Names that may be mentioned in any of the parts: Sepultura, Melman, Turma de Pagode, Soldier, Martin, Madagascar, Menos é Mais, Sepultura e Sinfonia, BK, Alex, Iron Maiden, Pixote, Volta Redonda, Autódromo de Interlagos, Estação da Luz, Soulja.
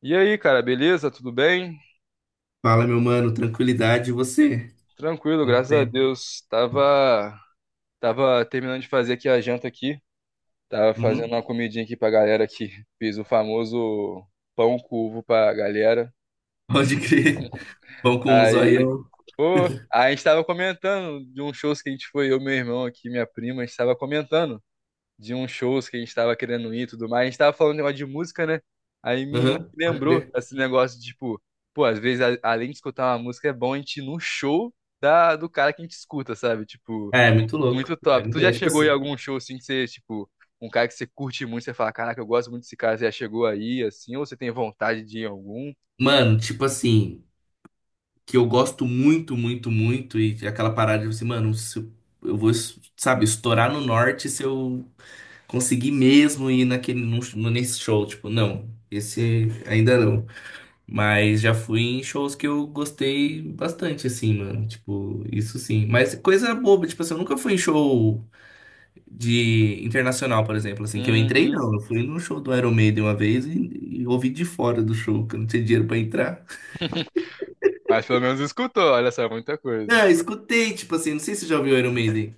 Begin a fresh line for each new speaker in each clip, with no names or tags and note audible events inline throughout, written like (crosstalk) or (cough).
E aí, cara, beleza? Tudo bem?
Fala, meu mano, tranquilidade, e você?
Tranquilo,
Quanto
graças a
tempo?
Deus. Tava terminando de fazer aqui a janta aqui. Tava fazendo
Uhum.
uma comidinha aqui pra galera aqui. Fiz o famoso pão com ovo pra galera.
Pode crer. Vão com um
Aí,
zoião.
pô, a gente tava comentando de uns shows que a gente foi, eu, meu irmão aqui, minha prima, a gente tava comentando de uns shows que a gente tava querendo ir e tudo mais. A gente tava falando um negócio de música, né? Aí me
Aham, pode
lembrou
crer.
esse negócio de, tipo, pô, às vezes, além de escutar uma música, é bom a gente ir num show do cara que a gente escuta, sabe? Tipo,
É, é muito louco.
muito
É
top. Tu
muito
já
é tipo
chegou em
assim.
algum show assim que você, tipo, um cara que você curte muito, você fala, caraca, eu gosto muito desse cara, você já chegou aí, assim, ou você tem vontade de ir em algum?
Mano, tipo assim, que eu gosto muito, muito, muito, e aquela parada de assim, mano, se eu vou, sabe, estourar no norte se eu conseguir mesmo ir naquele, nesse show. Tipo, não, esse ainda não. Mas já fui em shows que eu gostei bastante, assim, mano. Tipo, isso sim. Mas coisa boba, tipo assim, eu nunca fui em show de internacional, por exemplo, assim, que eu entrei,
Uhum.
não. Eu fui num show do Iron Maiden uma vez e ouvi de fora do show, que eu não tinha dinheiro pra entrar.
Mas pelo menos escutou, olha só, muita coisa.
Não, eu escutei, tipo assim, não sei se você já ouviu Iron Maiden.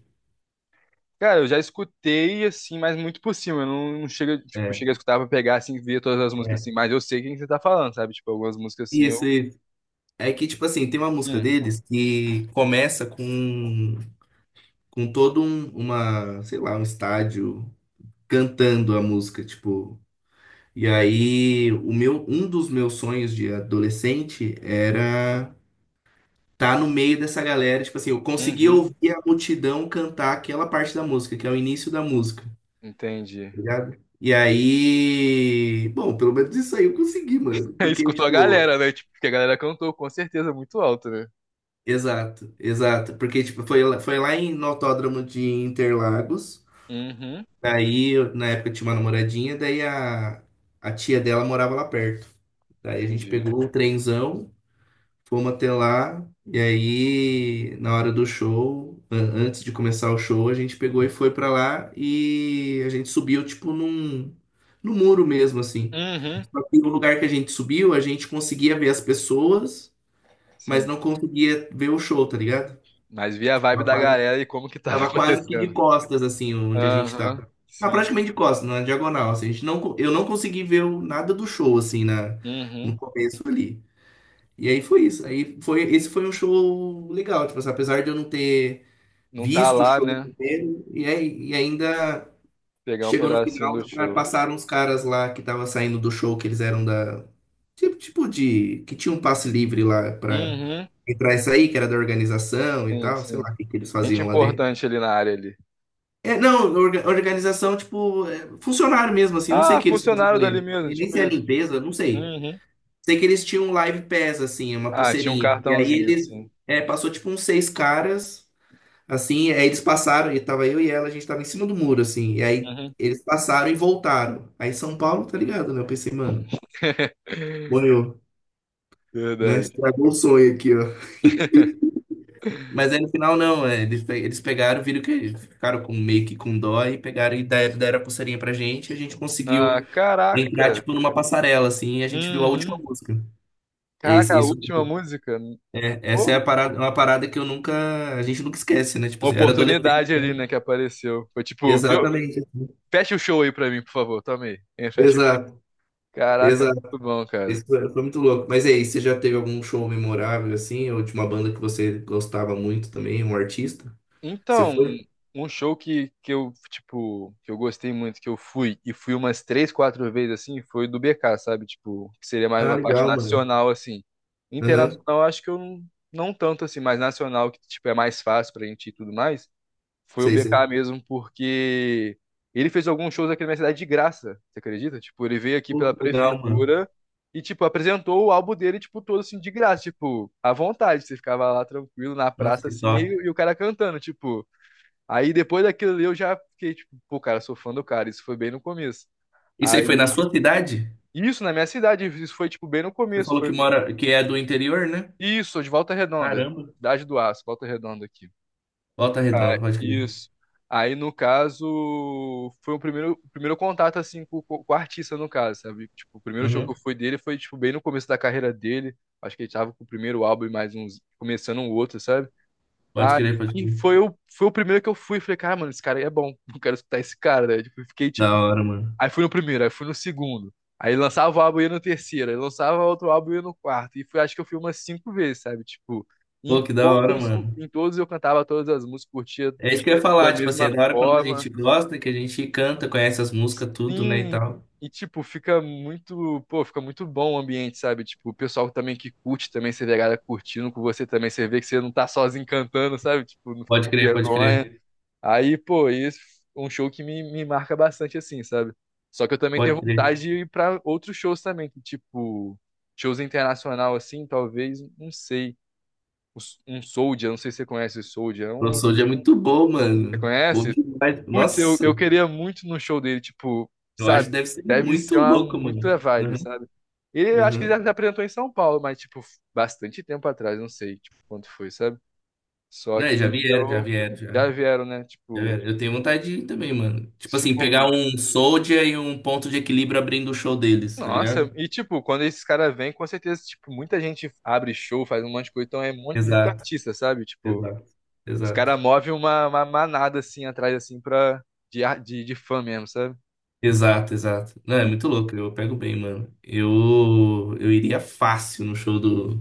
Cara, eu já escutei, assim, mas muito por cima. Eu não chega, tipo,
É,
cheguei a escutar pra pegar, assim, ver todas as músicas, assim.
é.
Mas eu sei quem você tá falando, sabe? Tipo, algumas músicas, assim, eu...
Isso, isso. É que, tipo assim, tem uma música
Hum,
deles que começa com todo um, uma, sei lá, um estádio cantando a música, tipo. E aí, um dos meus sonhos de adolescente era estar no meio dessa galera, tipo assim, eu conseguia
uhum,
ouvir a multidão cantar aquela parte da música, que é o início da música, tá
entendi.
ligado? E aí, bom, pelo menos isso aí eu consegui, mano,
(laughs) Aí
porque
escutou a
tipo,
galera, né? Tipo, porque a galera cantou, com certeza, muito alto, né?
exato, exato, porque tipo, foi lá no Autódromo de Interlagos.
Uhum,
Daí, na época eu tinha uma namoradinha, daí a tia dela morava lá perto. Daí a gente
entendi.
pegou um trenzão. Fomos até lá, e aí, na hora do show, antes de começar o show, a gente pegou e foi pra lá e a gente subiu, tipo, num muro mesmo, assim.
Uhum,
Só que o lugar que a gente subiu, a gente conseguia ver as pessoas, mas
sim.
não conseguia ver o show, tá ligado?
Mas vi a
Tipo,
vibe
Tava
da
quase,
galera e como que tava (laughs)
tava quase que de
acontecendo.
costas, assim, onde a gente tava.
Aham,
Ah,
sim.
praticamente de costas, na diagonal, assim. A gente não, co- Eu não consegui ver nada do show, assim, no
Uhum.
começo ali. E aí foi isso. Esse foi um show legal, tipo assim, apesar de eu não ter
Não tá
visto o
lá,
show
né?
primeiro e ainda
Pegar um
chegou no
pedacinho
final,
do show.
passaram uns caras lá que estavam saindo do show, que eles eram da. Tipo de. Que tinha um passe livre lá pra
Uhum,
entrar e sair, que era da organização e
sim,
tal, sei
sim.
lá o que, que eles
Gente
faziam lá dentro.
importante ali na área ali.
É, não, organização, tipo, é, funcionário mesmo, assim, não sei o
Ah,
que eles faziam
funcionário dali
ali.
mesmo,
Nem
tipo
se é
isso.
limpeza, não sei.
Uhum,
Sei que eles tinham um Live Pass, assim, uma
ah, tinha um
pulseirinha. E aí
cartãozinho,
eles
sim.
passou tipo uns seis caras, assim, aí eles passaram, e tava eu e ela, a gente tava em cima do muro, assim, e aí
Uhum,
eles passaram e voltaram. Aí São Paulo, tá ligado, né? Eu pensei, mano,
(laughs)
morreu, né?
verdade.
Estragou o sonho aqui, ó. Mas aí no final não, é, eles pegaram, viram que eles ficaram com, meio que com dó e pegaram e deram a pulseirinha pra gente, e a gente
Ah,
conseguiu entrar,
caraca.
tipo, numa passarela, assim, e a gente viu a última
Uhum.
música. É.
Caraca,
Isso,
a
isso.
última música.
É, essa
Pô,
é a parada, uma parada que eu nunca, a gente nunca esquece, né? Tipo
uma
assim, eu era adolescente.
oportunidade ali, né, que apareceu. Foi tipo, viu?
Exatamente.
Fecha o show aí pra mim, por favor. Toma aí. É, fecha.
Exato,
Caraca,
exato.
muito bom, cara.
Isso foi muito louco. Mas aí, você já teve algum show memorável assim, ou de uma banda que você gostava muito também, um artista que você
Então,
foi?
um show que eu, tipo, que eu gostei muito, que eu fui, e fui umas três, quatro vezes, assim, foi do BK, sabe? Tipo, que seria mais
Ah,
uma parte
legal, mano.
nacional, assim.
Aham.
Internacional, acho que eu não tanto, assim, mas nacional, que, tipo, é mais fácil pra gente ir e tudo mais, foi o
Sei,
BK
sei.
mesmo, porque ele fez alguns shows aqui na minha cidade de graça, você acredita? Tipo, ele veio aqui
Pô,
pela
que legal, mano.
prefeitura e, tipo, apresentou o álbum dele, tipo, todo assim, de graça, tipo, à vontade. Você ficava lá tranquilo na
Nossa,
praça,
que
assim,
top.
e o cara cantando, tipo. Aí depois daquilo ali eu já fiquei tipo, pô, cara, sou fã do cara. Isso foi bem no começo.
Isso aí foi na
Aí,
sua cidade?
isso na minha cidade, isso foi tipo bem no
Você
começo.
falou
Foi
que mora, que é do interior, né?
isso, sou de Volta Redonda,
Caramba.
Cidade do Aço, Volta Redonda aqui.
Volta Redonda, pode crer.
Isso. Aí no caso, foi o primeiro contato assim com o artista no caso, sabe? Tipo, o primeiro show que eu
Uhum.
fui dele foi tipo bem no começo da carreira dele. Acho que ele tava com o primeiro álbum e mais uns começando um outro, sabe?
Pode crer, pode
Aí
crer.
foi o, foi o primeiro que eu fui. Falei, cara, mano, esse cara aí é bom. (laughs) Eu quero escutar esse cara, né? Tipo, fiquei,
Da
tipo,
hora, mano.
aí fui no primeiro, aí fui no segundo. Aí lançava o álbum e ia no terceiro, aí lançava outro álbum e ia no quarto. E fui, acho que eu fui umas cinco vezes, sabe? Tipo,
Pô,
em
que da hora,
todos,
mano.
em todos eu cantava todas as músicas, curtia
É isso que eu ia
da
falar, tipo assim, é
mesma
da hora quando a
forma.
gente gosta, que a gente canta, conhece as músicas, tudo, né, e
Sim,
tal.
e tipo, fica muito, pô, fica muito bom o ambiente, sabe? Tipo, o pessoal também que curte também, você vê a galera curtindo com você também, você vê que você não tá sozinho cantando, sabe? Tipo, não fica
Pode
com
crer, pode crer,
vergonha. Aí, pô, isso é um show que me marca bastante assim, sabe? Só que eu também tenho
pode crer.
vontade de ir pra outros shows também, que tipo, shows internacional assim, talvez, não sei. Um um Soldier, não sei se você conhece o Soldier. É
O
um,
Soulja é muito bom,
você
mano. Bom
conhece?
demais.
Putz, eu
Nossa,
queria muito no show dele, tipo,
eu acho
sabe?
que deve ser
Deve
muito
ser uma
louco,
muita
mano.
vibe,
Uhum,
sabe? Ele eu acho que ele
uhum.
já se apresentou em São Paulo, mas, tipo, bastante tempo atrás, não sei, tipo, quanto foi, sabe? Só
Né, já
que
vieram, já
eu
vieram, já.
já vieram, né?
Já
Tipo,
vieram. Eu tenho vontade de ir também, mano. Tipo assim,
tipo,
pegar um Soulja e um ponto de equilíbrio abrindo o show deles, tá
nossa,
ligado?
e tipo, quando esses caras vêm, com certeza, tipo, muita gente abre show, faz um monte de coisa, então é um monte, muito
Exato,
artista, sabe? Tipo,
exato,
os
exato.
caras movem uma manada assim atrás, assim, pra, de fã mesmo, sabe?
Exato, exato. Não, é
E,
muito louco, eu pego bem, mano. Eu iria fácil no show do,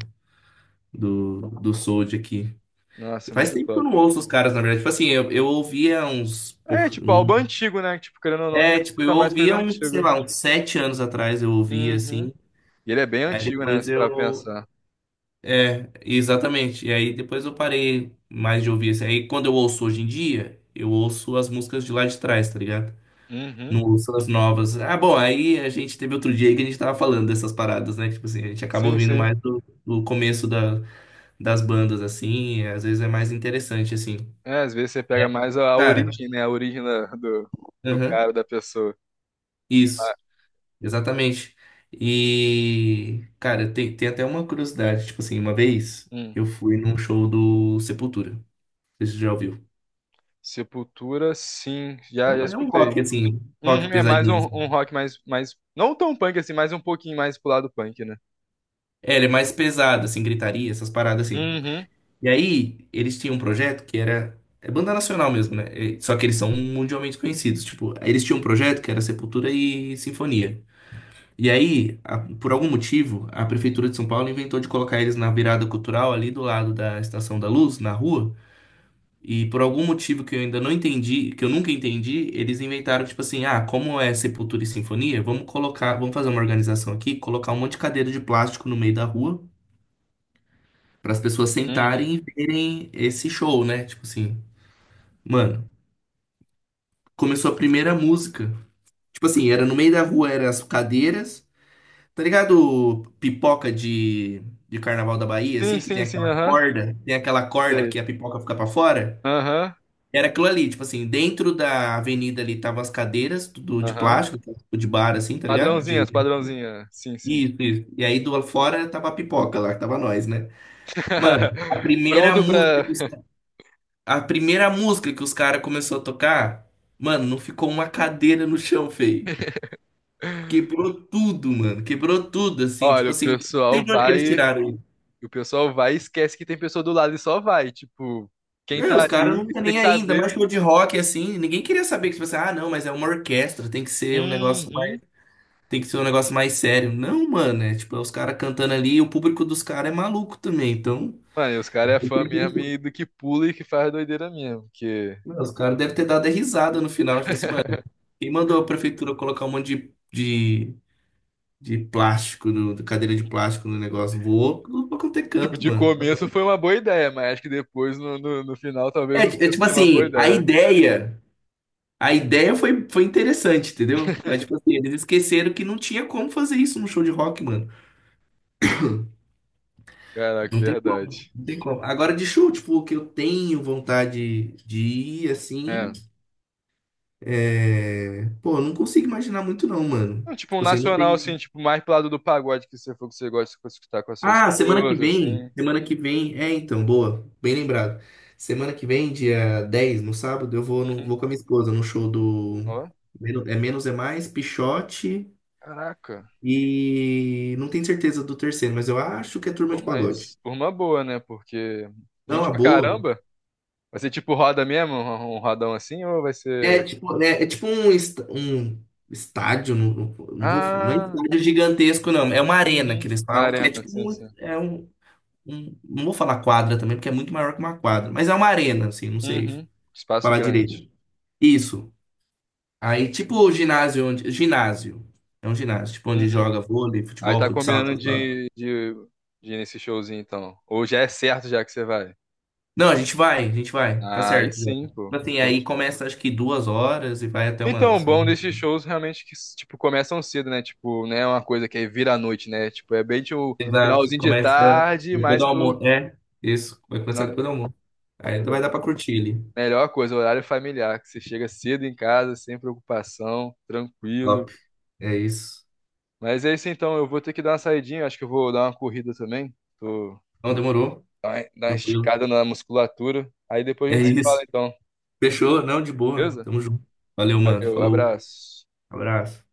do, do Soulja aqui.
nossa,
Faz
muito
tempo que eu
top.
não ouço os caras, na verdade. Tipo assim, eu ouvia uns.
É, tipo, álbum antigo, né? Tipo, querendo ou não, a
É,
gente
tipo, eu
escuta mais coisa
ouvia uns, sei
antiga.
lá, uns 7 anos atrás, eu ouvia
Uhum.
assim.
E ele é bem
Aí
antigo, né?
depois
Se parar pra
eu.
pensar.
É, exatamente. E aí depois eu parei mais de ouvir assim. Aí quando eu ouço hoje em dia, eu ouço as músicas de lá de trás, tá ligado?
Uhum.
Não ouço as novas. Ah, bom, aí a gente teve outro dia aí que a gente tava falando dessas paradas, né? Tipo assim, a gente acaba
Sim,
ouvindo
sim.
mais do começo das bandas, assim, e às vezes é mais interessante, assim,
É, às vezes você pega
né?
mais a
Cara,
origem, né? Do do
aham,
cara, da pessoa. Ah,
isso, exatamente. E, cara, tem até uma curiosidade, tipo assim, uma vez
hum.
eu fui num show do Sepultura, não sei se você já ouviu.
Sepultura, sim.
É
Já, já
um, é um rock,
escutei.
assim, rock
Uhum, é mais
pesadinho,
um, um
assim.
rock mais, mais. Não tão punk assim, mas um pouquinho mais pro lado punk, né?
É, ele é mais pesado, assim, gritaria, essas paradas, assim.
Uhum.
E aí, eles tinham um projeto que era. É banda nacional mesmo, né? Só que eles são mundialmente conhecidos. Tipo, eles tinham um projeto que era Sepultura e Sinfonia. E aí, por algum motivo, a Prefeitura de São Paulo inventou de colocar eles na virada cultural ali do lado da Estação da Luz, na rua. E por algum motivo que eu ainda não entendi, que eu nunca entendi, eles inventaram, tipo assim, ah, como é Sepultura e Sinfonia, vamos fazer uma organização aqui, colocar um monte de cadeira de plástico no meio da rua, para as pessoas
Uhum.
sentarem e verem esse show, né? Tipo assim. Mano, começou a primeira música. Tipo assim, era no meio da rua, eram as cadeiras. Tá ligado? Pipoca de Carnaval da Bahia,
Sim,
assim, que
sim, sim, aham.
tem aquela corda que
Sei.
a pipoca fica pra fora.
Aham.
Era aquilo ali, tipo assim, dentro da avenida ali estavam as cadeiras, tudo de
Aham.
plástico, tipo de bar, assim, tá ligado?
Padrãozinha, padrãozinha. Sim, sim.
Isso, isso. E aí do lado fora tava a pipoca lá, que tava nós, né? Mano,
(laughs)
a primeira
Pronto
música
pra.
que os, a primeira música que os caras começou a tocar, mano, não ficou uma cadeira no chão, feio. Quebrou tudo, mano. Quebrou tudo, assim.
Olha,
Tipo
o
assim, não
pessoal
sei de onde que eles
vai.
tiraram isso.
O pessoal vai e esquece que tem pessoa do lado e só vai. Tipo, quem
Meu,
tá
os caras não
aí,
tá
você tem
nem
que
aí, ainda mais
saber.
show de rock, assim. Ninguém queria saber que, tipo assim, ah, não, mas é uma orquestra, tem que ser um negócio mais,
Uhum.
tem que ser um negócio mais sério. Não, mano, é tipo, é os caras cantando ali e o público dos caras é maluco também. Então,
Mano, e os caras é
eu
fã
tenho
mesmo
que-
e do que pula e que faz doideira mesmo. Que,
Meu, os caras devem ter dado a risada no final. Tipo assim, mano,
(laughs)
quem mandou a prefeitura colocar um monte de, de, de plástico, no, de cadeira de plástico no negócio? Voou, não vou ter
tipo,
canto,
de
mano.
começo foi uma boa ideia, mas acho que depois, no final,
É,
talvez não
é
tenha
tipo
sido uma boa
assim, a
ideia.
ideia. A ideia foi interessante, entendeu? Mas, tipo assim, eles esqueceram que não tinha como fazer isso num show de rock, mano.
Caraca,
Não tem como,
verdade.
não tem como. Agora, de show, tipo, que eu tenho vontade de ir, assim,
É.
é. Pô, eu não consigo imaginar muito não, mano.
Não, tipo, um
Tipo assim, não
nacional,
tem.
assim, tipo, mais pro lado do pagode que você for que você gosta de escutar com a sua
Ah,
esposa, assim.
semana que vem, é, então, boa, bem lembrado. Semana que vem, dia 10, no sábado, eu vou, no,
Uhum.
vou com a minha esposa no show do.
Ó,
É Menos é Mais, Pixote.
caraca.
E não tenho certeza do terceiro, mas eu acho que é Turma
Pô,
de Pagode.
mas por uma boa, né? Porque
Não,
gente
a
pra
boa.
caramba. Vai ser tipo roda mesmo, um rodão assim, ou vai
É
ser.
tipo, é tipo um, um estádio, não, não é
Ah,
estádio gigantesco, não. É uma arena que
uhum.
eles
Uma
falam, que
arena,
é tipo
sim,
um,
sim.
Não vou falar quadra também, porque é muito maior que uma quadra. Mas é uma arena, assim, não sei
Uhum. Espaço
falar direito.
grande.
Isso. Aí, tipo o ginásio onde. Ginásio. É um ginásio, tipo, onde
Uhum.
joga vôlei,
Aí
futebol,
tá
futsal,
combinando
essas paradas.
de ir nesse showzinho, então. Ou já é certo já que você vai?
Não, a gente vai, tá
Aí
certo já.
sim,
Tipo
pô.
assim, aí
Curte.
começa acho que 2 horas e vai até
Então, o
umas
bom
11.
desses shows realmente que, tipo, começam cedo, né? Tipo, não é uma coisa que aí vira à noite, né? Tipo, é bem o
Exato,
finalzinho de
começa
tarde,
depois do
mais pro.
almoço. É, isso, vai começar depois
finalzinho
do almoço. Aí vai dar
de-
pra curtir ali.
Melhor coisa, horário familiar, que você chega cedo em casa, sem preocupação,
Top,
tranquilo.
é isso.
Mas é isso então, eu vou ter que dar uma saidinha, acho que eu vou dar uma corrida também. Tô...
Não, demorou,
Dar uma
tranquilo.
esticada na musculatura. Aí depois a
É
gente se fala
isso.
então,
Fechou? Não, de boa.
beleza?
Tamo junto. Valeu, mano.
Valeu,
Falou.
abraço.
Abraço.